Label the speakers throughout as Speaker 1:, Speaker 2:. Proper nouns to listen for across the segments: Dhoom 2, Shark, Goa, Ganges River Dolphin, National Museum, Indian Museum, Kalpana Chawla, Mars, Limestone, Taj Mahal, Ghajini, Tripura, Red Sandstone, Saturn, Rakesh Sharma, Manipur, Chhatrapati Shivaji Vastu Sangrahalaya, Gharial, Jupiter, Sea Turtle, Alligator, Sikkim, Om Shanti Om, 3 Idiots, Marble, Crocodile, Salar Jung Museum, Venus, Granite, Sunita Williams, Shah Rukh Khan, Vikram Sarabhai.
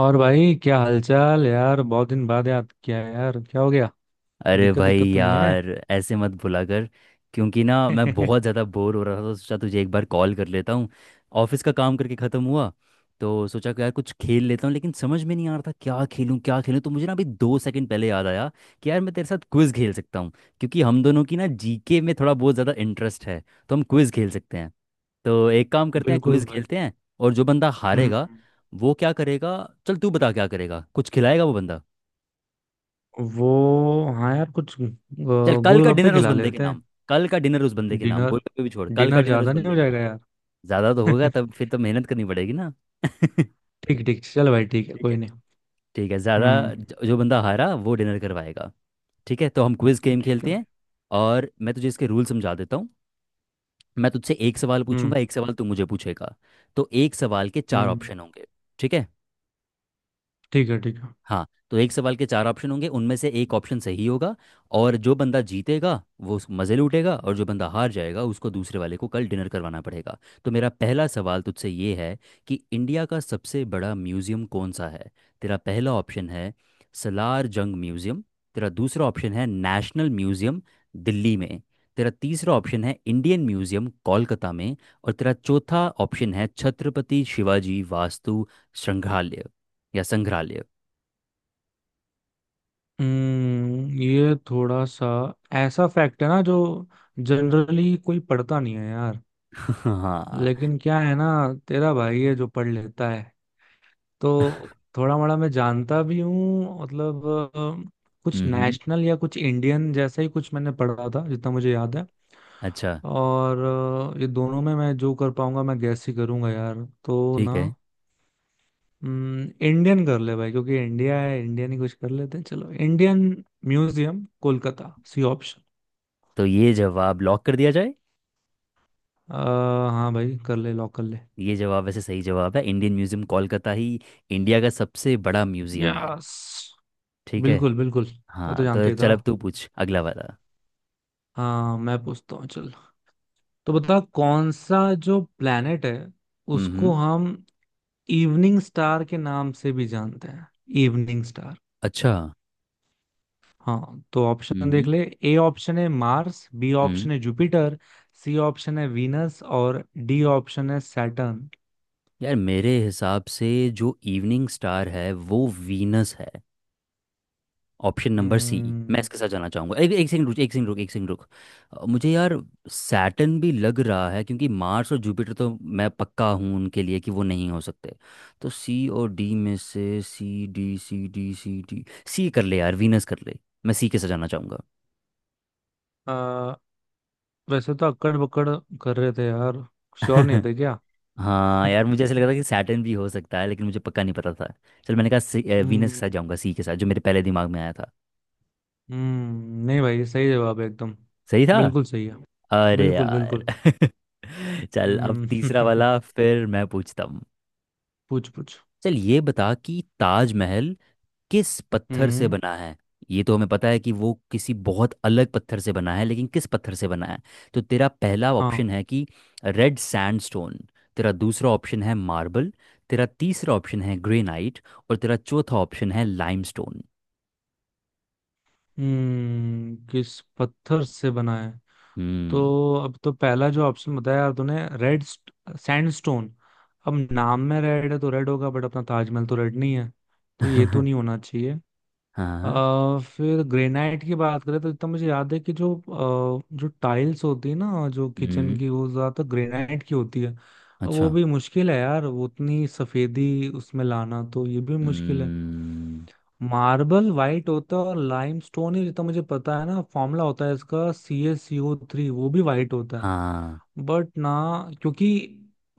Speaker 1: और भाई क्या हालचाल यार? बहुत दिन बाद याद किया यार, क्या हो गया? कोई
Speaker 2: अरे
Speaker 1: दिक्कत
Speaker 2: भाई
Speaker 1: दिक्कत तो नहीं है?
Speaker 2: यार, ऐसे मत भुला कर। क्योंकि ना मैं बहुत ज़्यादा बोर हो रहा था तो सोचा तुझे एक बार कॉल कर लेता हूँ। ऑफिस का काम करके ख़त्म हुआ तो सोचा कि यार कुछ खेल लेता हूँ, लेकिन समझ में नहीं आ रहा था क्या खेलूँ क्या खेलूँ। तो मुझे ना अभी 2 सेकंड पहले याद आया कि यार मैं तेरे साथ क्विज़ खेल सकता हूँ, क्योंकि हम दोनों की ना जीके में थोड़ा बहुत ज़्यादा इंटरेस्ट है। तो हम क्विज़ खेल सकते हैं। तो एक काम करते हैं,
Speaker 1: बिल्कुल
Speaker 2: क्विज़
Speaker 1: भाई।
Speaker 2: खेलते हैं। और जो बंदा हारेगा
Speaker 1: हम्म।
Speaker 2: वो क्या करेगा? चल तू बता, क्या करेगा, कुछ खिलाएगा वो बंदा?
Speaker 1: वो हाँ यार, कुछ
Speaker 2: चल, कल का
Speaker 1: गोलगप्पे
Speaker 2: डिनर उस
Speaker 1: खिला
Speaker 2: बंदे के
Speaker 1: लेते हैं।
Speaker 2: नाम। कल का डिनर उस बंदे के नाम,
Speaker 1: डिनर।
Speaker 2: कोई कोई भी छोड़, कल का
Speaker 1: डिनर
Speaker 2: डिनर उस
Speaker 1: ज्यादा नहीं
Speaker 2: बंदे
Speaker 1: हो
Speaker 2: के
Speaker 1: जाएगा
Speaker 2: नाम।
Speaker 1: यार?
Speaker 2: ज्यादा तो होगा, तब फिर तो मेहनत करनी पड़ेगी ना। ठीक
Speaker 1: ठीक ठीक, चल भाई, ठीक है,
Speaker 2: है।
Speaker 1: कोई नहीं।
Speaker 2: ठीक है, ज्यादा
Speaker 1: हम्म।
Speaker 2: जो बंदा हारा वो डिनर करवाएगा। ठीक है, तो हम क्विज गेम
Speaker 1: ठीक है
Speaker 2: खेलते
Speaker 1: भाई।
Speaker 2: हैं। और मैं तुझे इसके रूल समझा देता हूँ। मैं तुझसे एक सवाल पूछूंगा,
Speaker 1: हम्म।
Speaker 2: एक सवाल तू मुझे पूछेगा। तो एक सवाल के चार
Speaker 1: हम्म।
Speaker 2: ऑप्शन होंगे। ठीक है।
Speaker 1: ठीक है। ठीक है।
Speaker 2: हाँ, तो एक सवाल के चार ऑप्शन होंगे, उनमें से एक ऑप्शन सही होगा। और जो बंदा जीतेगा वो मज़े लूटेगा, और जो बंदा हार जाएगा उसको दूसरे वाले को कल डिनर करवाना पड़ेगा। तो मेरा पहला सवाल तुझसे ये है कि इंडिया का सबसे बड़ा म्यूज़ियम कौन सा है। तेरा पहला ऑप्शन है सलार जंग म्यूज़ियम। तेरा दूसरा ऑप्शन है नेशनल म्यूज़ियम दिल्ली में। तेरा तीसरा ऑप्शन है इंडियन म्यूज़ियम कोलकाता में। और तेरा चौथा ऑप्शन है छत्रपति शिवाजी वास्तु संग्रहालय या संग्रहालय।
Speaker 1: ये थोड़ा सा ऐसा फैक्ट है ना जो जनरली कोई पढ़ता नहीं है।
Speaker 2: हाँ।
Speaker 1: लेकिन क्या है ना, तेरा भाई है जो पढ़ लेता है, तो थोड़ा मोड़ा मैं जानता भी हूँ, मतलब कुछ
Speaker 2: हम्म।
Speaker 1: नेशनल या कुछ इंडियन जैसा ही कुछ मैंने पढ़ा था जितना मुझे याद है।
Speaker 2: अच्छा।
Speaker 1: और ये दोनों में मैं जो कर पाऊंगा, मैं गैस ही करूंगा यार तो
Speaker 2: ठीक
Speaker 1: ना।
Speaker 2: है,
Speaker 1: इंडियन कर ले भाई, क्योंकि इंडिया है, इंडियन ही कुछ कर लेते हैं, चलो Indian museum Kolkata, C option.
Speaker 2: तो ये जवाब लॉक कर दिया जाए।
Speaker 1: हाँ भाई कर ले, लॉक कर ले।
Speaker 2: ये जवाब वैसे सही जवाब है। इंडियन म्यूजियम कोलकाता ही इंडिया का सबसे बड़ा म्यूजियम है।
Speaker 1: यस।
Speaker 2: ठीक है।
Speaker 1: बिल्कुल बिल्कुल। मैं तो
Speaker 2: हाँ, तो
Speaker 1: जानते ही था।
Speaker 2: चल अब तू पूछ अगला वाला।
Speaker 1: हाँ, मैं पूछता हूँ, चल। तो बता, कौन सा जो प्लेनेट है उसको
Speaker 2: हम्म।
Speaker 1: हम इवनिंग स्टार के नाम से भी जानते हैं, इवनिंग स्टार।
Speaker 2: अच्छा।
Speaker 1: हाँ, तो ऑप्शन देख
Speaker 2: हम्म।
Speaker 1: ले। ए ऑप्शन है मार्स, बी
Speaker 2: हम्म।
Speaker 1: ऑप्शन है जुपिटर, सी ऑप्शन है वीनस और डी ऑप्शन है सैटर्न।
Speaker 2: यार मेरे हिसाब से जो इवनिंग स्टार है वो वीनस है, ऑप्शन नंबर सी। मैं
Speaker 1: हम्म,
Speaker 2: इसके साथ जाना चाहूंगा। एक एक सेकंड रुक, एक सेकंड रुक, एक सेकंड रुक। मुझे यार सैटर्न भी लग रहा है, क्योंकि मार्स और जुपिटर तो मैं पक्का हूँ उनके लिए कि वो नहीं हो सकते। तो सी और डी में से C D C D C D C कर ले यार, वीनस कर ले। मैं सी के साथ जाना चाहूंगा।
Speaker 1: आ, वैसे तो अक्कड़ बक्कड़ कर रहे थे यार, श्योर नहीं थे क्या?
Speaker 2: हाँ यार मुझे ऐसा लग रहा था कि सैटर्न भी हो सकता है, लेकिन मुझे पक्का नहीं पता था। चल, मैंने कहा वीनस के
Speaker 1: हम्म।
Speaker 2: साथ जाऊंगा, सी के साथ, जो मेरे पहले दिमाग में आया था।
Speaker 1: हम्म। नहीं भाई, सही जवाब है एकदम,
Speaker 2: सही था।
Speaker 1: बिल्कुल सही है।
Speaker 2: अरे
Speaker 1: बिल्कुल
Speaker 2: यार।
Speaker 1: बिल्कुल।
Speaker 2: चल अब
Speaker 1: हम्म।
Speaker 2: तीसरा वाला फिर मैं पूछता हूँ।
Speaker 1: पूछ पूछ।
Speaker 2: चल, ये बता कि ताजमहल किस पत्थर से
Speaker 1: हम्म।
Speaker 2: बना है। ये तो हमें पता है कि वो किसी बहुत अलग पत्थर से बना है, लेकिन किस पत्थर से बना है। तो तेरा पहला
Speaker 1: हाँ।
Speaker 2: ऑप्शन है कि रेड सैंडस्टोन। तेरा दूसरा ऑप्शन है मार्बल। तेरा तीसरा ऑप्शन है ग्रेनाइट। और तेरा चौथा ऑप्शन है लाइमस्टोन।
Speaker 1: हम्म। किस पत्थर से बना है?
Speaker 2: हम्म।
Speaker 1: तो अब तो पहला जो ऑप्शन बताया यार तूने, रेड सैंडस्टोन, अब नाम में रेड है तो रेड होगा, बट अपना ताजमहल तो रेड नहीं है, तो ये तो नहीं होना चाहिए।
Speaker 2: हाँ।
Speaker 1: फिर ग्रेनाइट की बात करें तो इतना मुझे याद है कि जो टाइल्स होती है ना, जो किचन
Speaker 2: हम्म।
Speaker 1: की, वो ज्यादातर ग्रेनाइट की होती है। अब वो
Speaker 2: अच्छा।
Speaker 1: भी मुश्किल है यार, वो उतनी सफेदी उसमें लाना, तो ये भी मुश्किल है।
Speaker 2: हम्म।
Speaker 1: मार्बल वाइट होता है और लाइमस्टोन ही, जितना मुझे पता है ना, फॉर्मूला होता है इसका C S C O three, वो भी वाइट होता है।
Speaker 2: हाँ।
Speaker 1: बट ना, क्योंकि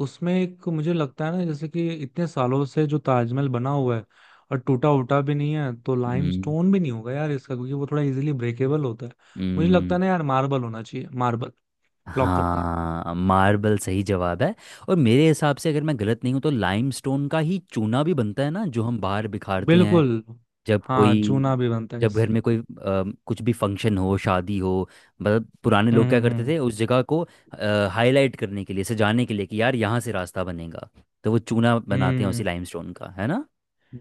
Speaker 1: उसमें एक मुझे लगता है ना, जैसे कि इतने सालों से जो ताजमहल बना हुआ है और टूटा उटा भी नहीं है, तो
Speaker 2: हम्म।
Speaker 1: लाइमस्टोन भी नहीं होगा यार इसका, क्योंकि वो थोड़ा इजीली ब्रेकेबल होता है। मुझे लगता है
Speaker 2: हम्म।
Speaker 1: ना यार, मार्बल होना चाहिए, मार्बल। लॉक करते हैं।
Speaker 2: हाँ, मार्बल सही जवाब है। और मेरे हिसाब से अगर मैं गलत नहीं हूँ तो लाइमस्टोन का ही चूना भी बनता है ना जो हम बाहर बिखारते हैं।
Speaker 1: बिल्कुल।
Speaker 2: जब
Speaker 1: हाँ,
Speaker 2: कोई,
Speaker 1: चूना भी बनता है
Speaker 2: जब घर
Speaker 1: इससे।
Speaker 2: में कोई कुछ भी फंक्शन हो, शादी हो, मतलब पुराने
Speaker 1: हम्म।
Speaker 2: लोग क्या करते
Speaker 1: हम्म।
Speaker 2: थे उस जगह को हाईलाइट करने के लिए, सजाने के लिए कि यार यहाँ से रास्ता बनेगा, तो वो चूना बनाते हैं
Speaker 1: हम्म।
Speaker 2: उसी
Speaker 1: हम्म।
Speaker 2: लाइमस्टोन का, है ना।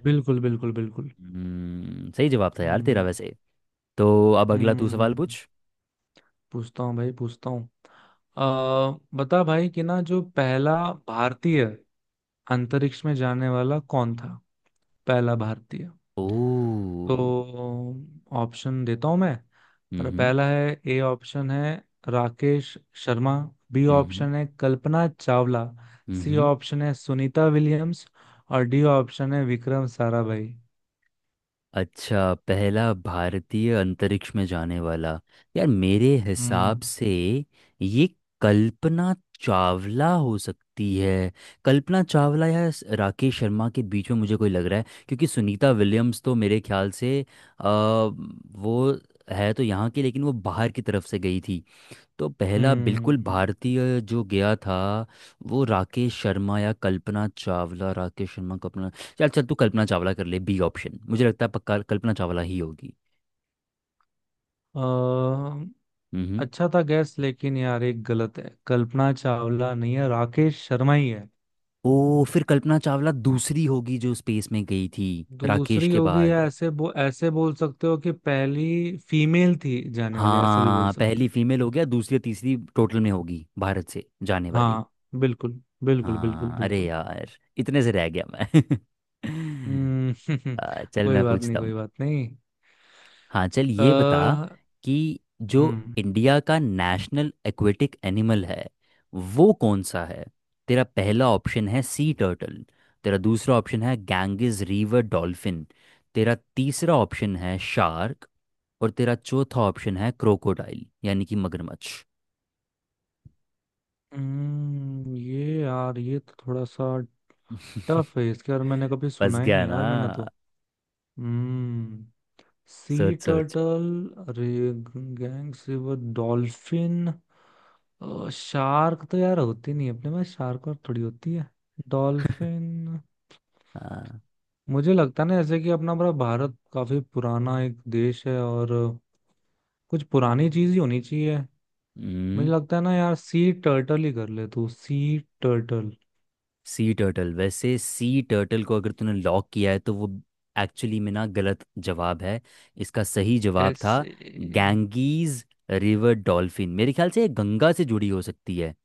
Speaker 1: बिल्कुल बिल्कुल बिल्कुल।
Speaker 2: हम्म, सही जवाब था यार तेरा
Speaker 1: हम्म।
Speaker 2: वैसे। तो अब अगला तू सवाल
Speaker 1: हम्म।
Speaker 2: पूछ।
Speaker 1: पूछता हूँ भाई, पूछता हूँ। बता भाई कि ना, जो पहला भारतीय अंतरिक्ष में जाने वाला कौन था? पहला भारतीय?
Speaker 2: ओ।
Speaker 1: तो ऑप्शन देता हूँ मैं।
Speaker 2: हम्म।
Speaker 1: अरे
Speaker 2: हम्म।
Speaker 1: पहला है, ए ऑप्शन है राकेश शर्मा, बी
Speaker 2: हम्म।
Speaker 1: ऑप्शन है कल्पना चावला,
Speaker 2: हम्म।
Speaker 1: सी
Speaker 2: हम्म।
Speaker 1: ऑप्शन है सुनीता विलियम्स और डी ऑप्शन है विक्रम साराभाई।
Speaker 2: अच्छा, पहला भारतीय अंतरिक्ष में जाने वाला, यार मेरे हिसाब
Speaker 1: हम्म।
Speaker 2: से ये कल्पना चावला हो सकती है। कल्पना चावला या राकेश शर्मा के बीच में मुझे कोई लग रहा है, क्योंकि सुनीता विलियम्स तो मेरे ख्याल से वो है तो यहाँ की, लेकिन वो बाहर की तरफ से गई थी। तो पहला बिल्कुल भारतीय जो गया था वो राकेश शर्मा या कल्पना चावला, राकेश शर्मा, कल्पना। चल चल, तू कल्पना चावला कर ले, बी ऑप्शन, मुझे लगता है पक्का कल्पना चावला ही होगी।
Speaker 1: हम्म।
Speaker 2: हम्म।
Speaker 1: अच्छा था गैस, लेकिन यार एक गलत है, कल्पना चावला नहीं है, राकेश शर्मा ही है।
Speaker 2: ओ, फिर कल्पना चावला दूसरी होगी जो स्पेस में गई थी, राकेश
Speaker 1: दूसरी
Speaker 2: के
Speaker 1: होगी,
Speaker 2: बाद।
Speaker 1: या ऐसे बोल सकते हो कि पहली फीमेल थी जाने वाली, ऐसा भी बोल
Speaker 2: हाँ,
Speaker 1: सकते
Speaker 2: पहली
Speaker 1: हैं।
Speaker 2: फीमेल हो गया, दूसरी तीसरी टोटल में होगी भारत से जाने वाली।
Speaker 1: हाँ बिल्कुल बिल्कुल बिल्कुल
Speaker 2: हाँ, अरे
Speaker 1: बिल्कुल।
Speaker 2: यार इतने से रह गया मैं।
Speaker 1: हम्म।
Speaker 2: चल
Speaker 1: कोई
Speaker 2: मैं
Speaker 1: बात नहीं,
Speaker 2: पूछता।
Speaker 1: कोई बात नहीं।
Speaker 2: हाँ चल, ये बता
Speaker 1: अ,
Speaker 2: कि जो
Speaker 1: हम्म।
Speaker 2: इंडिया का नेशनल एक्वेटिक एनिमल है वो कौन सा है। तेरा पहला ऑप्शन है सी टर्टल। तेरा दूसरा ऑप्शन है गैंगिस रिवर डॉल्फिन। तेरा तीसरा ऑप्शन है शार्क। और तेरा चौथा ऑप्शन है क्रोकोडाइल, यानी कि मगरमच्छ।
Speaker 1: हम्म। ये यार ये तो थोड़ा सा टफ है इसके, और मैंने कभी
Speaker 2: फंस
Speaker 1: सुना ही
Speaker 2: गया
Speaker 1: नहीं
Speaker 2: ना?
Speaker 1: यार, मैंने तो हम्म सी
Speaker 2: सोच सोच।
Speaker 1: Turtle, gang silver dolphin, shark तो यार होती नहीं है अपने में, शार्क और थोड़ी होती है, डॉल्फिन।
Speaker 2: हाँ।
Speaker 1: मुझे लगता है ना, जैसे कि अपना बड़ा भारत काफी पुराना एक देश है और कुछ पुरानी चीज ही होनी चाहिए। मुझे
Speaker 2: हम्म।
Speaker 1: लगता है ना यार, सी टर्टल ही कर ले, तू सी टर्टल।
Speaker 2: सी टर्टल, वैसे सी टर्टल को अगर तूने लॉक किया है तो वो एक्चुअली में ना गलत जवाब है। इसका सही जवाब था
Speaker 1: ऐसे?
Speaker 2: Genghis river dolphin. मेरे ख्याल से ये गंगा से जुड़ी हो सकती है,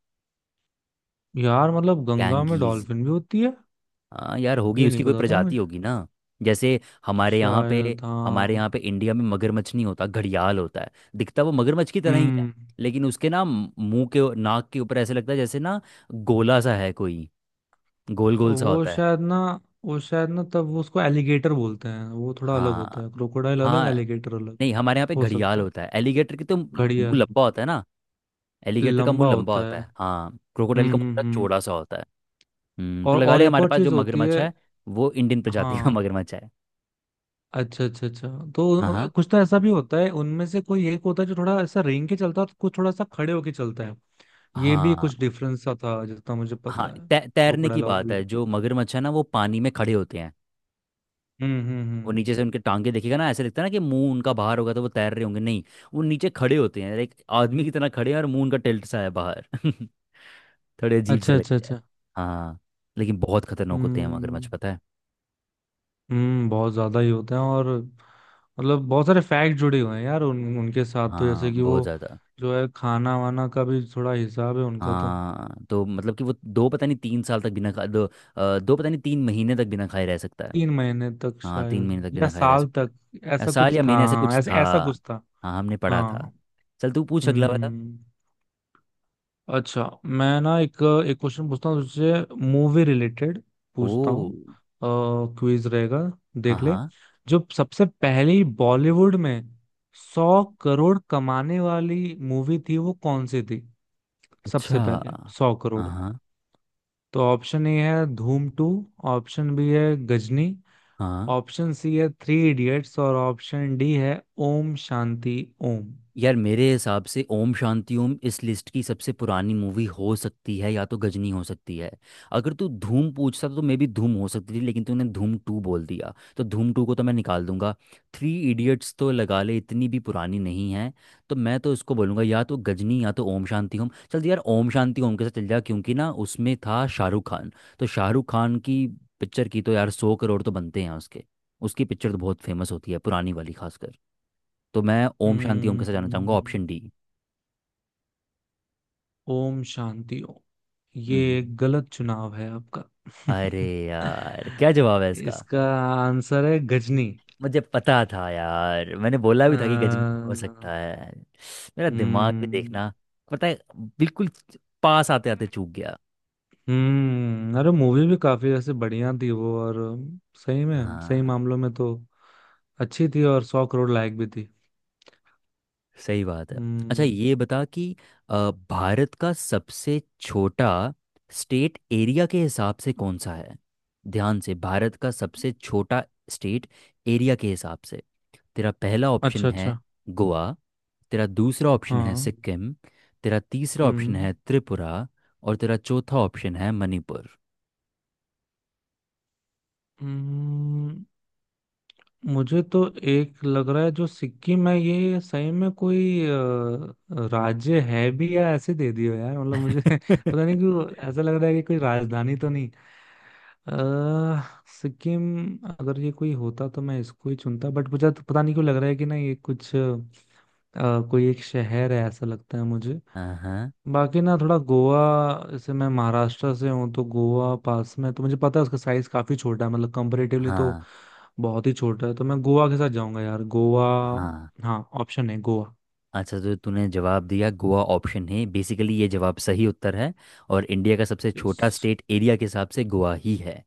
Speaker 1: यार मतलब गंगा में
Speaker 2: गैंगीज।
Speaker 1: डॉल्फिन भी होती है?
Speaker 2: हाँ यार होगी,
Speaker 1: ये नहीं
Speaker 2: उसकी कोई
Speaker 1: पता था
Speaker 2: प्रजाति
Speaker 1: मुझे।
Speaker 2: होगी ना। जैसे हमारे यहाँ पे,
Speaker 1: शायद
Speaker 2: हमारे
Speaker 1: हाँ।
Speaker 2: यहाँ पे इंडिया में मगरमच्छ नहीं होता, घड़ियाल होता है। दिखता वो मगरमच्छ की तरह ही है,
Speaker 1: हम्म।
Speaker 2: लेकिन उसके ना मुंह के नाक के ऊपर ऐसे लगता है जैसे ना गोला सा है कोई, गोल गोल सा
Speaker 1: वो
Speaker 2: होता है।
Speaker 1: शायद ना वो शायद ना तब वो उसको एलिगेटर बोलते हैं, वो थोड़ा अलग
Speaker 2: हाँ
Speaker 1: होता है, क्रोकोडाइल अलग,
Speaker 2: हाँ।
Speaker 1: एलिगेटर अलग।
Speaker 2: नहीं, हमारे यहाँ पे
Speaker 1: हो
Speaker 2: घड़ियाल
Speaker 1: सकता है,
Speaker 2: होता है, एलिगेटर की तो मुंह
Speaker 1: घड़ियाल
Speaker 2: लंबा होता है ना। एलिगेटर का
Speaker 1: लंबा
Speaker 2: मुंह लंबा
Speaker 1: होता
Speaker 2: होता
Speaker 1: है।
Speaker 2: है, हाँ, क्रोकोडाइल
Speaker 1: हम्म।
Speaker 2: का मुंह
Speaker 1: हम्म।
Speaker 2: थोड़ा
Speaker 1: हम्म।
Speaker 2: चौड़ा सा होता है। हम्म, तो
Speaker 1: और
Speaker 2: लगा
Speaker 1: और
Speaker 2: ले
Speaker 1: एक
Speaker 2: हमारे
Speaker 1: और
Speaker 2: पास जो
Speaker 1: चीज होती
Speaker 2: मगरमच्छ
Speaker 1: है।
Speaker 2: है वो इंडियन प्रजाति का
Speaker 1: हाँ
Speaker 2: मगरमच्छ है।
Speaker 1: अच्छा अच्छा अच्छा, तो
Speaker 2: हाँ हाँ।
Speaker 1: कुछ तो ऐसा भी होता है, उनमें से कोई एक होता है जो थोड़ा ऐसा रेंग के चलता है और कुछ थोड़ा सा खड़े होके चलता है। ये भी
Speaker 2: हाँ
Speaker 1: कुछ डिफरेंस सा था जितना मुझे
Speaker 2: हाँ
Speaker 1: पता है।
Speaker 2: तैरने की
Speaker 1: क्रोकोडाइल और
Speaker 2: बात है,
Speaker 1: एलिगेटर।
Speaker 2: जो मगरमच्छ है ना वो पानी में खड़े होते हैं।
Speaker 1: हम्म। हम्म।
Speaker 2: वो
Speaker 1: हम्म।
Speaker 2: नीचे से उनके टांगे देखेगा ना, ऐसे लगता है ना कि मुंह उनका बाहर होगा तो वो तैर रहे होंगे, नहीं, वो नीचे खड़े होते हैं, एक आदमी की तरह खड़े हैं, और मुंह उनका टिल्ट सा है बाहर। थोड़े अजीब से
Speaker 1: अच्छा अच्छा
Speaker 2: लगते हैं।
Speaker 1: अच्छा।
Speaker 2: हाँ, लेकिन बहुत खतरनाक होते हैं मगरमच्छ,
Speaker 1: हम्म।
Speaker 2: पता है।
Speaker 1: हम्म। बहुत ज्यादा ही होते हैं, और मतलब बहुत सारे फैक्ट जुड़े हुए हैं यार उनके साथ, तो
Speaker 2: हाँ,
Speaker 1: जैसे कि
Speaker 2: बहुत
Speaker 1: वो
Speaker 2: ज़्यादा।
Speaker 1: जो है खाना वाना का भी थोड़ा हिसाब है उनका, तो
Speaker 2: हाँ तो मतलब कि वो दो पता नहीं तीन साल तक बिना खा दो अ, दो पता नहीं 3 महीने तक बिना खाए रह सकता है।
Speaker 1: 3 महीने तक
Speaker 2: हाँ, 3 महीने
Speaker 1: शायद
Speaker 2: तक
Speaker 1: या
Speaker 2: बिना खाए रह
Speaker 1: साल
Speaker 2: सकता है,
Speaker 1: तक,
Speaker 2: या
Speaker 1: ऐसा
Speaker 2: साल
Speaker 1: कुछ
Speaker 2: या
Speaker 1: था,
Speaker 2: महीने, ऐसे
Speaker 1: हाँ,
Speaker 2: कुछ
Speaker 1: ऐसा
Speaker 2: था।
Speaker 1: ऐसा कुछ था।
Speaker 2: हाँ, हमने पढ़ा था।
Speaker 1: हाँ।
Speaker 2: चल तू पूछ अगला वाला।
Speaker 1: हम्म। अच्छा मैं ना एक एक क्वेश्चन पूछता हूँ तुझसे, मूवी रिलेटेड
Speaker 2: ओ।
Speaker 1: पूछता हूँ, क्विज रहेगा,
Speaker 2: हाँ
Speaker 1: देख ले।
Speaker 2: हाँ।
Speaker 1: जो सबसे पहली बॉलीवुड में 100 करोड़ कमाने वाली मूवी थी वो कौन सी थी?
Speaker 2: अच्छा।
Speaker 1: सबसे पहले 100 करोड़।
Speaker 2: हाँ हाँ
Speaker 1: तो ऑप्शन ए है धूम टू, ऑप्शन बी है गजनी,
Speaker 2: हाँ।
Speaker 1: ऑप्शन सी है थ्री इडियट्स और ऑप्शन डी है ओम शांति ओम।
Speaker 2: यार मेरे हिसाब से ओम शांति ओम इस लिस्ट की सबसे पुरानी मूवी हो सकती है, या तो गजनी हो सकती है। अगर तू धूम पूछता तो मे भी धूम हो सकती थी, लेकिन तूने धूम टू बोल दिया तो धूम टू को तो मैं निकाल दूंगा। थ्री इडियट्स तो लगा ले इतनी भी पुरानी नहीं है। तो मैं तो इसको बोलूंगा या तो गजनी या तो ओम शांति ओम। चल यार, ओम शांति ओम के साथ चल जा, क्योंकि ना उसमें था शाहरुख खान, तो शाहरुख खान की पिक्चर की तो यार 100 करोड़ तो बनते हैं उसके। उसकी पिक्चर तो बहुत फेमस होती है, पुरानी वाली खासकर। तो मैं ओम शांति ओम के साथ जाना चाहूंगा,
Speaker 1: हम्म।
Speaker 2: Option D.
Speaker 1: ओम शांति ओम, ये
Speaker 2: हम्म।
Speaker 1: एक गलत चुनाव है आपका।
Speaker 2: अरे यार, क्या जवाब है इसका?
Speaker 1: इसका आंसर है गजनी।
Speaker 2: मुझे पता था यार, मैंने बोला भी
Speaker 1: अ,
Speaker 2: था कि गजनी हो सकता है। मेरा दिमाग भी
Speaker 1: हम्म।
Speaker 2: देखना। पता है। बिल्कुल। पास आते आते चूक गया।
Speaker 1: हम्म। अरे मूवी भी काफी ऐसे बढ़िया थी वो, और सही में सही
Speaker 2: हाँ,
Speaker 1: मामलों में तो अच्छी थी, और 100 करोड़ लायक भी थी।
Speaker 2: सही बात है। अच्छा,
Speaker 1: हम्म।
Speaker 2: ये बता कि भारत का सबसे छोटा स्टेट एरिया के हिसाब से कौन सा है। ध्यान से, भारत का सबसे छोटा स्टेट एरिया के हिसाब से। तेरा पहला ऑप्शन
Speaker 1: अच्छा अच्छा।
Speaker 2: है गोवा। तेरा दूसरा ऑप्शन है
Speaker 1: हाँ।
Speaker 2: सिक्किम। तेरा तीसरा ऑप्शन
Speaker 1: हम्म।
Speaker 2: है त्रिपुरा। और तेरा चौथा ऑप्शन है मणिपुर।
Speaker 1: हम्म। मुझे तो एक लग रहा है, जो सिक्किम है, ये सही में कोई राज्य है भी या ऐसे दे दियो यार, मतलब मुझे पता नहीं क्यों ऐसा लग रहा है कि कोई राजधानी तो नहीं। सिक्किम, अगर ये कोई होता तो मैं इसको ही चुनता, बट मुझे तो पता नहीं क्यों लग रहा है कि ना, ये कुछ कोई एक शहर है ऐसा लगता है मुझे।
Speaker 2: हाँ
Speaker 1: बाकी ना थोड़ा गोवा, जैसे मैं महाराष्ट्र से हूँ तो गोवा पास में, तो मुझे पता है उसका साइज काफी छोटा है, मतलब कंपेरेटिवली तो
Speaker 2: हाँ
Speaker 1: बहुत ही छोटा है, तो मैं गोवा के साथ जाऊंगा यार, गोवा।
Speaker 2: हाँ।
Speaker 1: हाँ, ऑप्शन है गोवा।
Speaker 2: अच्छा, तो तूने जवाब दिया गोवा ऑप्शन है, बेसिकली ये जवाब सही उत्तर है। और इंडिया का सबसे
Speaker 1: यस।
Speaker 2: छोटा स्टेट एरिया के हिसाब से गोवा ही है।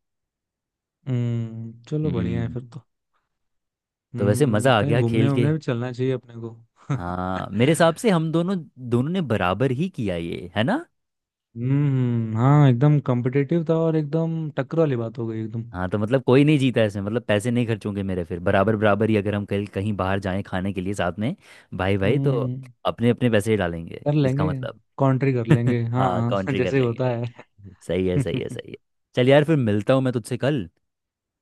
Speaker 1: हम्म, चलो बढ़िया है
Speaker 2: हम्म।
Speaker 1: फिर तो।
Speaker 2: तो वैसे
Speaker 1: हम्म,
Speaker 2: मज़ा आ
Speaker 1: कहीं
Speaker 2: गया खेल
Speaker 1: घूमने
Speaker 2: के।
Speaker 1: वूमने भी चलना चाहिए अपने को।
Speaker 2: हाँ मेरे हिसाब से हम दोनों, दोनों ने बराबर ही किया, ये है ना।
Speaker 1: हम्म। हाँ एकदम कॉम्पिटिटिव था, और एकदम टक्कर वाली बात हो गई एकदम।
Speaker 2: हाँ, तो मतलब कोई नहीं जीता इसमें, मतलब पैसे नहीं खर्च होंगे मेरे, फिर बराबर बराबर ही, अगर हम कहीं कहीं बाहर जाएं खाने के लिए साथ में, भाई भाई तो
Speaker 1: हम्म,
Speaker 2: अपने अपने पैसे ही डालेंगे
Speaker 1: कर
Speaker 2: इसका
Speaker 1: लेंगे,
Speaker 2: मतलब।
Speaker 1: कॉन्ट्री कर लेंगे, हाँ
Speaker 2: हाँ,
Speaker 1: हाँ।
Speaker 2: काउंट्री कर
Speaker 1: जैसे ही
Speaker 2: लेंगे।
Speaker 1: होता है।
Speaker 2: सही है, सही है, सही है। चल यार, फिर मिलता हूँ मैं तुझसे कल।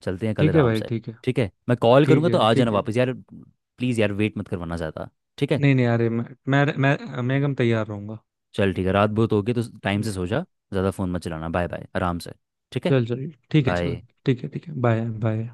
Speaker 2: चलते हैं कल
Speaker 1: ठीक है
Speaker 2: आराम
Speaker 1: भाई,
Speaker 2: से।
Speaker 1: ठीक है।
Speaker 2: ठीक है, मैं कॉल
Speaker 1: ठीक
Speaker 2: करूँगा तो
Speaker 1: है।
Speaker 2: आ जाना
Speaker 1: ठीक है।
Speaker 2: वापस यार, प्लीज़ यार वेट मत करवाना ज़्यादा। ठीक है।
Speaker 1: नहीं नहीं, अरे मैं एकदम तैयार रहूंगा।
Speaker 2: चल, ठीक है, रात बहुत होगी तो टाइम
Speaker 1: हम्म।
Speaker 2: से सो जा। ज़्यादा फ़ोन मत चलाना, बाय बाय आराम से। ठीक है।
Speaker 1: चल चल ठीक है, चल,
Speaker 2: बाय।
Speaker 1: ठीक है। ठीक है। Bye bye.